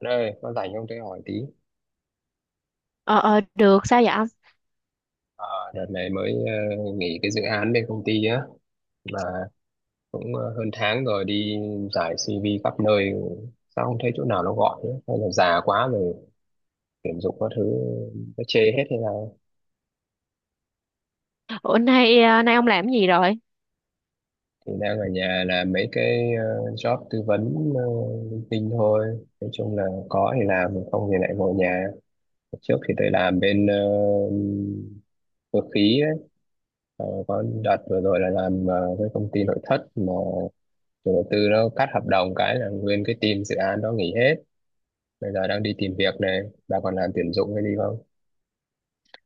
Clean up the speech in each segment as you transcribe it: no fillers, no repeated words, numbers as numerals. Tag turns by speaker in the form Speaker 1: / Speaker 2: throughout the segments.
Speaker 1: Anh ơi, con rảnh không tôi hỏi tí.
Speaker 2: Ờ, Được, sao vậy ông?
Speaker 1: Ờ, Đợt này mới nghỉ cái dự án bên công ty á, mà cũng hơn tháng rồi đi giải CV khắp nơi, sao không thấy chỗ nào nó gọi nữa? Hay là già quá rồi, tuyển dụng các thứ nó chê hết hay nào?
Speaker 2: Ủa, nay ông làm cái gì rồi?
Speaker 1: Thì đang ở nhà làm mấy cái job tư vấn linh tinh thôi. Nói chung là có thì làm, không thì lại ngồi nhà. Trước thì tôi làm bên cơ khí ấy. Có đợt vừa rồi là làm với công ty nội thất mà chủ đầu tư nó cắt hợp đồng, cái là nguyên cái team dự án đó nghỉ hết. Bây giờ đang đi tìm việc này, bà còn làm tuyển dụng hay đi không?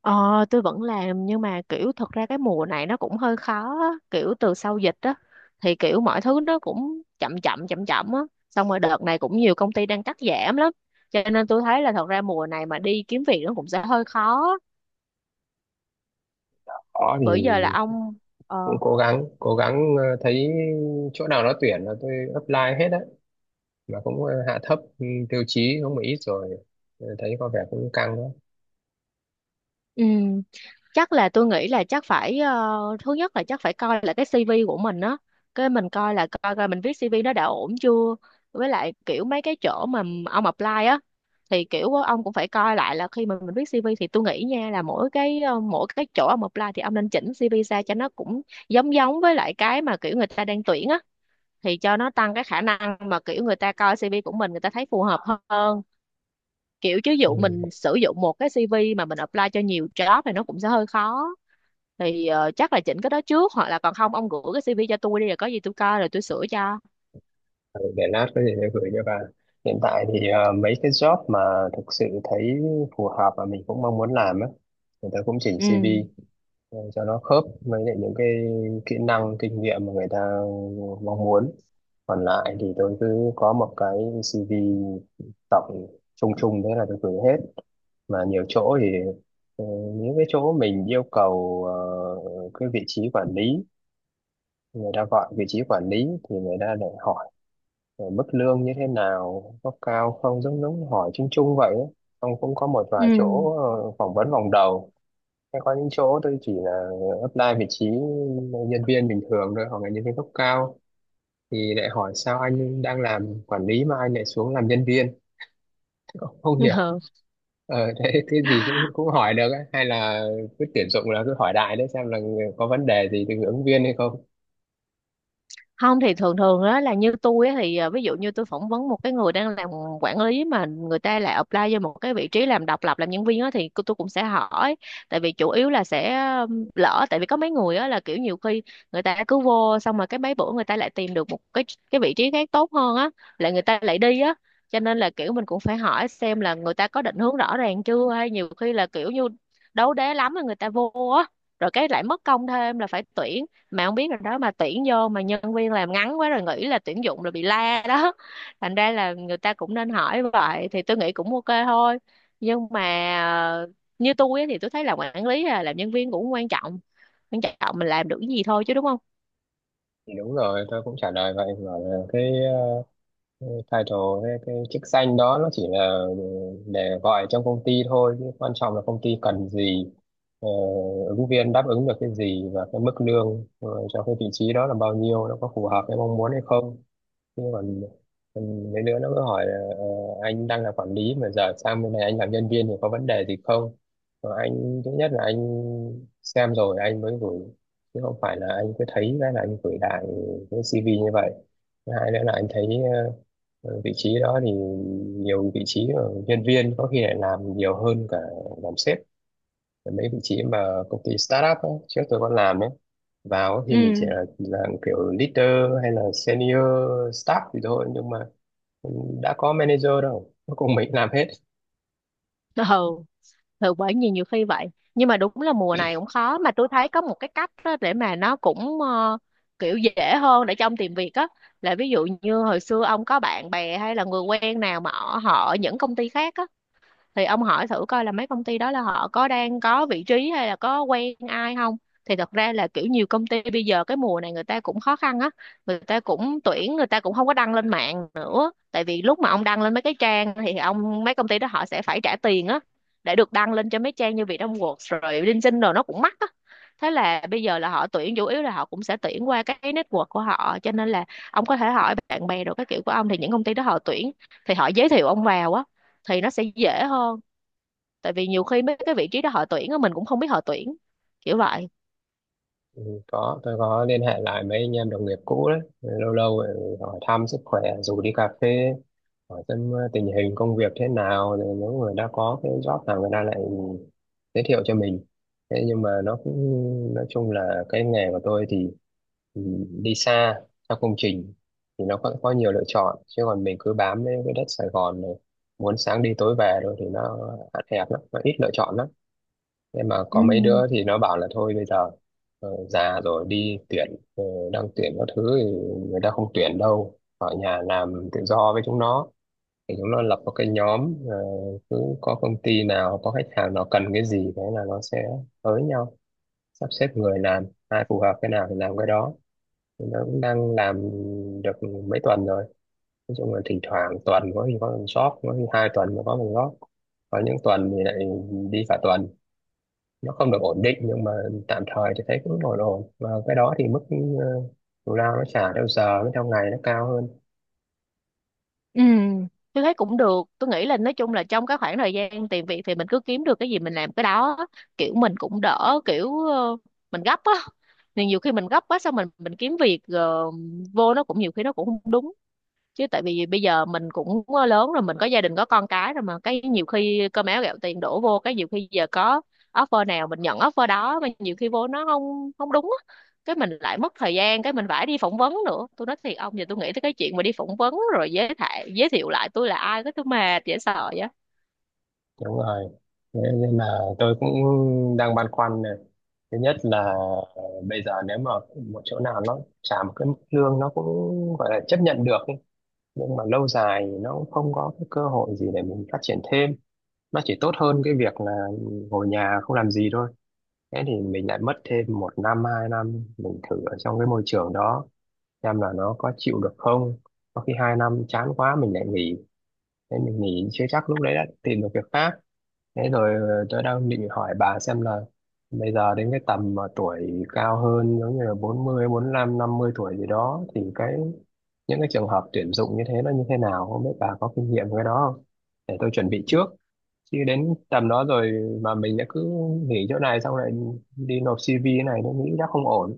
Speaker 2: Ờ, tôi vẫn làm, nhưng mà kiểu thật ra cái mùa này nó cũng hơi khó á. Kiểu từ sau dịch á, thì kiểu mọi thứ nó cũng chậm chậm, chậm chậm á. Xong rồi đợt này cũng nhiều công ty đang cắt giảm lắm. Cho nên tôi thấy là thật ra mùa này mà đi kiếm việc nó cũng sẽ hơi khó.
Speaker 1: Có thì
Speaker 2: Bữa giờ là ông,
Speaker 1: cũng
Speaker 2: ờ,
Speaker 1: cố gắng cố gắng, thấy chỗ nào nó tuyển là tôi apply hết á, mà cũng hạ thấp tiêu chí không một ít rồi. Thấy có vẻ cũng căng đó.
Speaker 2: ừ, chắc là tôi nghĩ là chắc phải thứ nhất là chắc phải coi là cái CV của mình á, cái mình coi là coi coi mình viết CV nó đã ổn chưa, với lại kiểu mấy cái chỗ mà ông apply á, thì kiểu ông cũng phải coi lại là khi mà mình viết CV thì tôi nghĩ nha là mỗi cái chỗ ông apply thì ông nên chỉnh CV ra cho nó cũng giống giống với lại cái mà kiểu người ta đang tuyển á, thì cho nó tăng cái khả năng mà kiểu người ta coi CV của mình người ta thấy phù hợp hơn, kiểu chứ dụ mình
Speaker 1: Ừ.
Speaker 2: sử dụng một cái CV mà mình apply cho nhiều job thì nó cũng sẽ hơi khó. Thì chắc là chỉnh cái đó trước, hoặc là còn không ông gửi cái CV cho tôi đi rồi có gì tôi coi rồi tôi sửa cho.
Speaker 1: Ờ, để lát có gì tôi gửi cho bà. Hiện tại thì mấy cái job mà thực sự thấy phù hợp và mình cũng mong muốn làm á, người ta cũng chỉnh
Speaker 2: Ừ,
Speaker 1: CV để cho nó khớp với lại những cái kỹ năng kinh nghiệm mà người ta mong muốn. Còn lại thì tôi cứ có một cái CV tổng chung chung, thế là tôi gửi hết. Mà nhiều chỗ thì ờ, những cái chỗ mình yêu cầu cái vị trí quản lý, người ta gọi vị trí quản lý thì người ta lại hỏi mức lương như thế nào, có cao không, giống giống hỏi chung chung vậy ấy. Xong cũng có một vài
Speaker 2: ừ.
Speaker 1: chỗ phỏng vấn vòng đầu. Có những chỗ tôi chỉ là apply vị trí nhân viên bình thường thôi, hoặc là nhân viên cấp cao thì lại hỏi sao anh đang làm quản lý mà anh lại xuống làm nhân viên, không hiểu. Thế cái gì cũng cũng hỏi được ấy. Hay là cứ tuyển dụng là cứ hỏi đại đấy xem là có vấn đề gì từ ứng viên hay không.
Speaker 2: Không thì thường thường đó là như tôi á, thì à, ví dụ như tôi phỏng vấn một cái người đang làm quản lý mà người ta lại apply vô một cái vị trí làm độc lập làm nhân viên á, thì tôi cũng sẽ hỏi. Tại vì chủ yếu là sẽ lỡ tại vì có mấy người á là kiểu nhiều khi người ta cứ vô, xong mà cái mấy bữa người ta lại tìm được một cái vị trí khác tốt hơn á, lại người ta lại đi á. Cho nên là kiểu mình cũng phải hỏi xem là người ta có định hướng rõ ràng chưa, hay nhiều khi là kiểu như đấu đá lắm rồi người ta vô á, rồi cái lại mất công thêm là phải tuyển, mà không biết rồi đó mà tuyển vô mà nhân viên làm ngắn quá rồi nghĩ là tuyển dụng rồi bị la đó. Thành ra là người ta cũng nên hỏi vậy thì tôi nghĩ cũng ok thôi. Nhưng mà ờ, như tôi á thì tôi thấy làm quản lý hay là làm nhân viên cũng quan trọng, quan trọng mình làm được cái gì thôi chứ đúng không?
Speaker 1: Thì đúng rồi, tôi cũng trả lời vậy, bảo là cái title, cái chức danh đó nó chỉ là để gọi trong công ty thôi, chứ quan trọng là công ty cần gì. ờ, Ứng viên đáp ứng được cái gì, và cái mức lương cho cái vị trí đó là bao nhiêu, nó có phù hợp với mong muốn hay không. Nhưng mà ừ, mấy đứa nó cứ hỏi là anh đang là quản lý mà giờ sang bên này anh làm nhân viên thì có vấn đề gì không. Mà anh thứ nhất là anh xem rồi anh mới gửi, chứ không phải là anh cứ thấy cái là anh gửi lại cái CV như vậy. Thứ hai nữa là anh thấy ờ, vị trí đó thì nhiều vị trí ở nhân viên có khi lại làm nhiều hơn cả làm sếp. Mấy vị trí mà công ty startup ấy, trước tôi còn làm ấy, vào thì mình chỉ là dạng kiểu leader hay là senior staff thì thôi, nhưng mà đã có manager đâu, cuối cùng mình làm hết.
Speaker 2: Ừ, ừ, bởi vì nhiều khi vậy. Nhưng mà đúng là mùa này cũng khó, mà tôi thấy có một cái cách á để mà nó cũng kiểu dễ hơn để cho ông tìm việc á, là ví dụ như hồi xưa ông có bạn bè hay là người quen nào mà ở họ ở những công ty khác á, thì ông hỏi thử coi là mấy công ty đó là họ có đang có vị trí hay là có quen ai không. Thì thật ra là kiểu nhiều công ty bây giờ cái mùa này người ta cũng khó khăn á, người ta cũng tuyển, người ta cũng không có đăng lên mạng, tại vì lúc mà ông đăng lên mấy cái trang thì ông, mấy công ty đó họ sẽ phải trả tiền á, để được đăng lên cho mấy trang như Vietnamworks rồi LinkedIn rồi nó cũng mắc á. Thế là bây giờ là họ tuyển chủ yếu là họ cũng sẽ tuyển qua cái network của họ, cho nên là ông có thể hỏi bạn bè rồi các kiểu của ông, thì những công ty đó họ tuyển thì họ giới thiệu ông vào á, thì nó sẽ dễ hơn. Tại vì nhiều khi mấy cái vị trí đó họ tuyển á mình cũng không biết họ tuyển, kiểu vậy.
Speaker 1: Ừ, có tôi có liên hệ lại mấy anh em đồng nghiệp cũ đấy, lâu lâu lại hỏi thăm sức khỏe rủ đi cà phê, hỏi xem tình hình công việc thế nào, rồi nếu người đã có cái job nào người ta lại giới thiệu cho mình. Thế nhưng mà nó cũng nói chung là cái nghề của tôi thì ừ, đi xa theo công trình thì nó có nhiều lựa chọn, chứ còn mình cứ bám lấy cái đất Sài Gòn này muốn sáng đi tối về rồi thì nó hạn hẹp lắm, nó ít lựa chọn lắm. Thế mà
Speaker 2: Ừ,
Speaker 1: có mấy đứa thì nó bảo là thôi bây giờ già rồi đi tuyển, ờ, đang tuyển các thứ thì người ta không tuyển đâu, ở nhà làm tự do với chúng nó. Thì chúng nó lập một cái nhóm, cứ có công ty nào, có khách hàng nào cần cái gì, thế là nó sẽ tới nhau sắp xếp người làm, ai phù hợp cái nào thì làm cái đó. Thì nó cũng đang làm được mấy tuần rồi. Nói chung là thỉnh thoảng tuần có khi có một shop, có khi 2 tuần mới có một shop, có những tuần thì lại đi cả tuần, nó không được ổn định. Nhưng mà tạm thời thì thấy cũng ổn ổn, và cái đó thì mức ờ, thù lao nó trả theo giờ với theo ngày nó cao hơn.
Speaker 2: ừ, tôi thấy cũng được, tôi nghĩ là nói chung là trong cái khoảng thời gian tìm việc thì mình cứ kiếm được cái gì mình làm cái đó, kiểu mình cũng đỡ kiểu mình gấp á. Thì nhiều khi mình gấp quá, xong mình kiếm việc vô nó cũng nhiều khi nó cũng không đúng, chứ tại vì bây giờ mình cũng lớn rồi, mình có gia đình có con cái rồi, mà cái nhiều khi cơm áo gạo tiền đổ vô, cái nhiều khi giờ có offer nào mình nhận offer đó, mà nhiều khi vô nó không không đúng á, cái mình lại mất thời gian, cái mình phải đi phỏng vấn nữa. Tôi nói thiệt ông, giờ tôi nghĩ tới cái chuyện mà đi phỏng vấn rồi giới thiệu lại tôi là ai, cái tôi mệt dễ sợ vậy.
Speaker 1: Đúng rồi, thế nên là tôi cũng đang băn khoăn này. Thứ nhất là ờ, bây giờ nếu mà một chỗ nào nó trả một cái mức lương nó cũng gọi là chấp nhận được ý. Nhưng mà lâu dài nó cũng không có cái cơ hội gì để mình phát triển thêm, nó chỉ tốt hơn cái việc là ngồi nhà không làm gì thôi. Thế thì mình lại mất thêm một năm 2 năm mình thử ở trong cái môi trường đó xem là nó có chịu được không. Có khi 2 năm chán quá mình lại nghỉ, thế mình nghỉ chưa chắc lúc đấy đã tìm được việc khác. Thế rồi tôi đang định hỏi bà xem là bây giờ đến cái tầm mà tuổi cao hơn, giống như là 40, 50 tuổi gì đó, thì cái những cái trường hợp tuyển dụng như thế nó như thế nào, không biết bà có kinh nghiệm với cái đó không, để tôi chuẩn bị trước. Chứ đến tầm đó rồi mà mình đã cứ nghỉ chỗ này xong lại đi nộp CV, này nó nghĩ đã không ổn.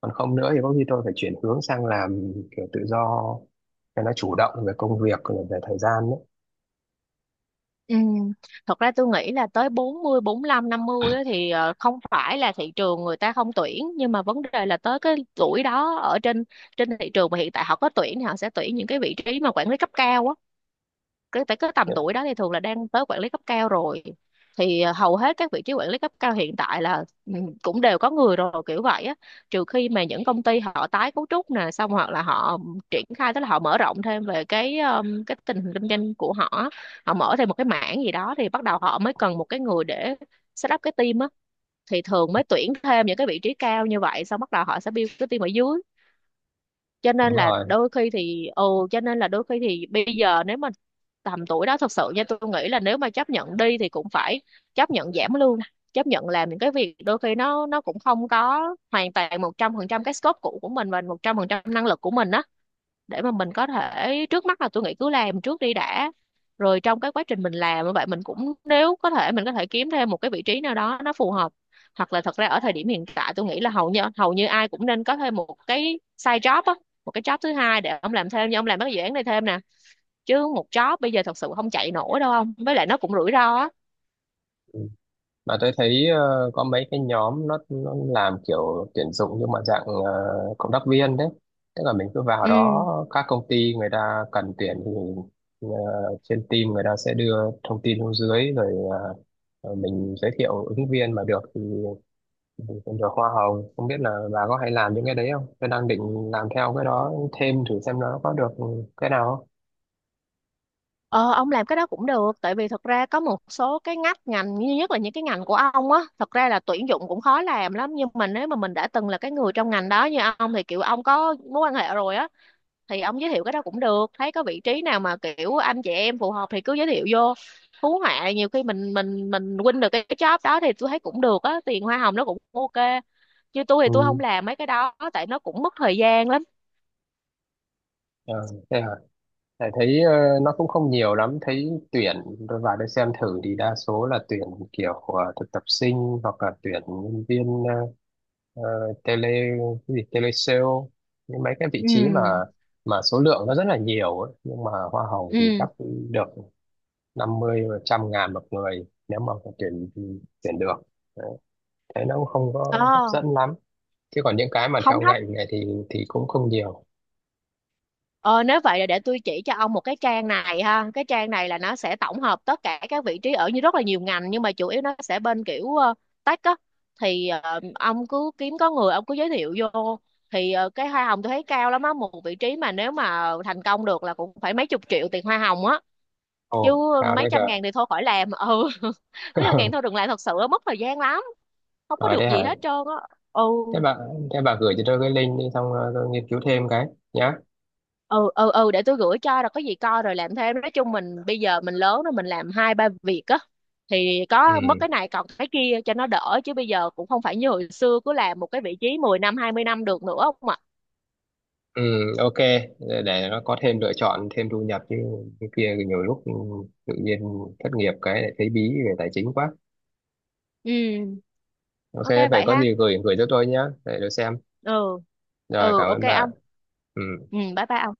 Speaker 1: Còn không nữa thì có khi tôi phải chuyển hướng sang làm kiểu tự do cho nó chủ động về công việc, về thời gian.
Speaker 2: Ừ. Thật ra tôi nghĩ là tới 40, năm 50 á, thì không phải là thị trường người ta không tuyển, nhưng mà vấn đề là tới cái tuổi đó, ở trên trên thị trường mà hiện tại họ có tuyển thì họ sẽ tuyển những cái vị trí mà quản lý cấp cao á, cái phải cái tầm
Speaker 1: Đấy.
Speaker 2: tuổi đó thì thường là đang tới quản lý cấp cao rồi. Thì à, hầu hết các vị trí quản lý cấp cao hiện tại là ừ, cũng đều có người rồi kiểu vậy á, trừ khi mà những công ty họ tái cấu trúc nè, xong hoặc là họ triển khai, tức là họ mở rộng thêm về cái tình hình kinh doanh của họ á. Họ mở thêm một cái mảng gì đó thì bắt đầu họ mới cần một cái người để set up cái team á, thì thường mới tuyển thêm những cái vị trí cao như vậy, xong bắt đầu họ sẽ build cái team ở dưới. Cho nên
Speaker 1: Đúng
Speaker 2: là
Speaker 1: rồi.
Speaker 2: đôi khi thì ừ. Cho nên là đôi khi thì bây giờ nếu mà tầm tuổi đó thật sự nha, tôi nghĩ là nếu mà chấp nhận đi thì cũng phải chấp nhận giảm lương, chấp nhận làm những cái việc đôi khi nó cũng không có hoàn toàn 100% cái scope cũ của mình và 100% năng lực của mình á, để mà mình có thể, trước mắt là tôi nghĩ cứ làm trước đi đã, rồi trong cái quá trình mình làm như vậy mình cũng, nếu có thể mình có thể kiếm thêm một cái vị trí nào đó nó phù hợp. Hoặc là thật ra ở thời điểm hiện tại tôi nghĩ là hầu như ai cũng nên có thêm một cái side job á, một cái job thứ hai để ông làm thêm nhưng ông làm mấy cái dự án này thêm nè, chứ một job bây giờ thật sự không chạy nổi đâu ông, với lại nó cũng rủi ro á.
Speaker 1: Mà tôi thấy có mấy cái nhóm nó làm kiểu tuyển dụng, nhưng mà dạng cộng tác viên đấy. Tức là mình cứ vào
Speaker 2: Ừ.
Speaker 1: đó, các công ty người ta cần tuyển thì ờ, trên team người ta sẽ đưa thông tin xuống dưới, rồi ờ, mình giới thiệu ứng viên mà được thì mình cũng được hoa hồng. Không biết là bà có hay làm những cái đấy không? Tôi đang định làm theo cái đó thêm thử xem nó có được cái nào không.
Speaker 2: Ờ, ông làm cái đó cũng được, tại vì thật ra có một số cái ngách ngành như nhất là những cái ngành của ông á, thật ra là tuyển dụng cũng khó làm lắm, nhưng mà nếu mà mình đã từng là cái người trong ngành đó như ông thì kiểu ông có mối quan hệ rồi á, thì ông giới thiệu cái đó cũng được, thấy có vị trí nào mà kiểu anh chị em phù hợp thì cứ giới thiệu vô, hú họa nhiều khi mình win được cái job đó thì tôi thấy cũng được á, tiền hoa hồng nó cũng ok. Chứ tôi thì tôi không
Speaker 1: Ừ.
Speaker 2: làm mấy cái đó tại nó cũng mất thời gian lắm.
Speaker 1: Ờ, Thế hả? Tại thấy nó cũng không nhiều lắm, thấy tuyển tôi vào đây xem thử thì đa số là tuyển kiểu thực tập sinh, hoặc là tuyển nhân viên ờ, tele, cái gì tele sale, những mấy cái vị
Speaker 2: Ừ,
Speaker 1: trí mà số lượng nó rất là nhiều ấy. Nhưng mà hoa hồng
Speaker 2: ừ,
Speaker 1: thì chắc được 50 trăm ngàn một người nếu mà tuyển tuyển được. Đấy. Thấy nó cũng không
Speaker 2: ờ,
Speaker 1: có hấp dẫn lắm. Chứ còn những cái mà
Speaker 2: không
Speaker 1: theo
Speaker 2: thóc.
Speaker 1: ngành này thì cũng không nhiều.
Speaker 2: Ờ, nếu vậy là để tôi chỉ cho ông một cái trang này ha. Cái trang này là nó sẽ tổng hợp tất cả các vị trí ở như rất là nhiều ngành, nhưng mà chủ yếu nó sẽ bên kiểu tech á. Thì ông cứ kiếm có người ông cứ giới thiệu vô. Thì cái hoa hồng tôi thấy cao lắm á, một vị trí mà nếu mà thành công được là cũng phải mấy chục triệu tiền hoa hồng á. Chứ
Speaker 1: Ồ, cao
Speaker 2: mấy
Speaker 1: đấy
Speaker 2: trăm
Speaker 1: cơ.
Speaker 2: ngàn thì thôi khỏi làm. Ừ. Mấy trăm ngàn thôi đừng làm thật sự á, mất thời gian lắm, không có
Speaker 1: Ở
Speaker 2: được
Speaker 1: đây hả?
Speaker 2: gì hết trơn á. Ừ.
Speaker 1: thế bà thế bà gửi cho tôi cái link đi, xong tôi nghiên cứu thêm cái nhá.
Speaker 2: Ừ, ừ, ừ, để tôi gửi cho rồi có gì coi rồi làm thêm. Nói chung mình bây giờ mình lớn rồi mình làm hai ba việc á, thì có mất cái
Speaker 1: Ừ,
Speaker 2: này còn cái kia cho nó đỡ, chứ bây giờ cũng không phải như hồi xưa cứ làm một cái vị trí 10 năm 20 năm được nữa ông ạ.
Speaker 1: ừ, ok. Để nó có thêm lựa chọn, thêm thu nhập chứ. Cái kia thì nhiều lúc tự nhiên thất nghiệp cái lại thấy bí về tài chính quá.
Speaker 2: Ừ.
Speaker 1: Ok
Speaker 2: Ok
Speaker 1: vậy,
Speaker 2: vậy
Speaker 1: có
Speaker 2: ha.
Speaker 1: gì gửi gửi cho tôi nhá, để tôi xem.
Speaker 2: Ừ.
Speaker 1: Rồi
Speaker 2: Ừ,
Speaker 1: cảm
Speaker 2: ok
Speaker 1: ơn bà.
Speaker 2: ông.
Speaker 1: Ừ.
Speaker 2: Ừ, bye bye ông.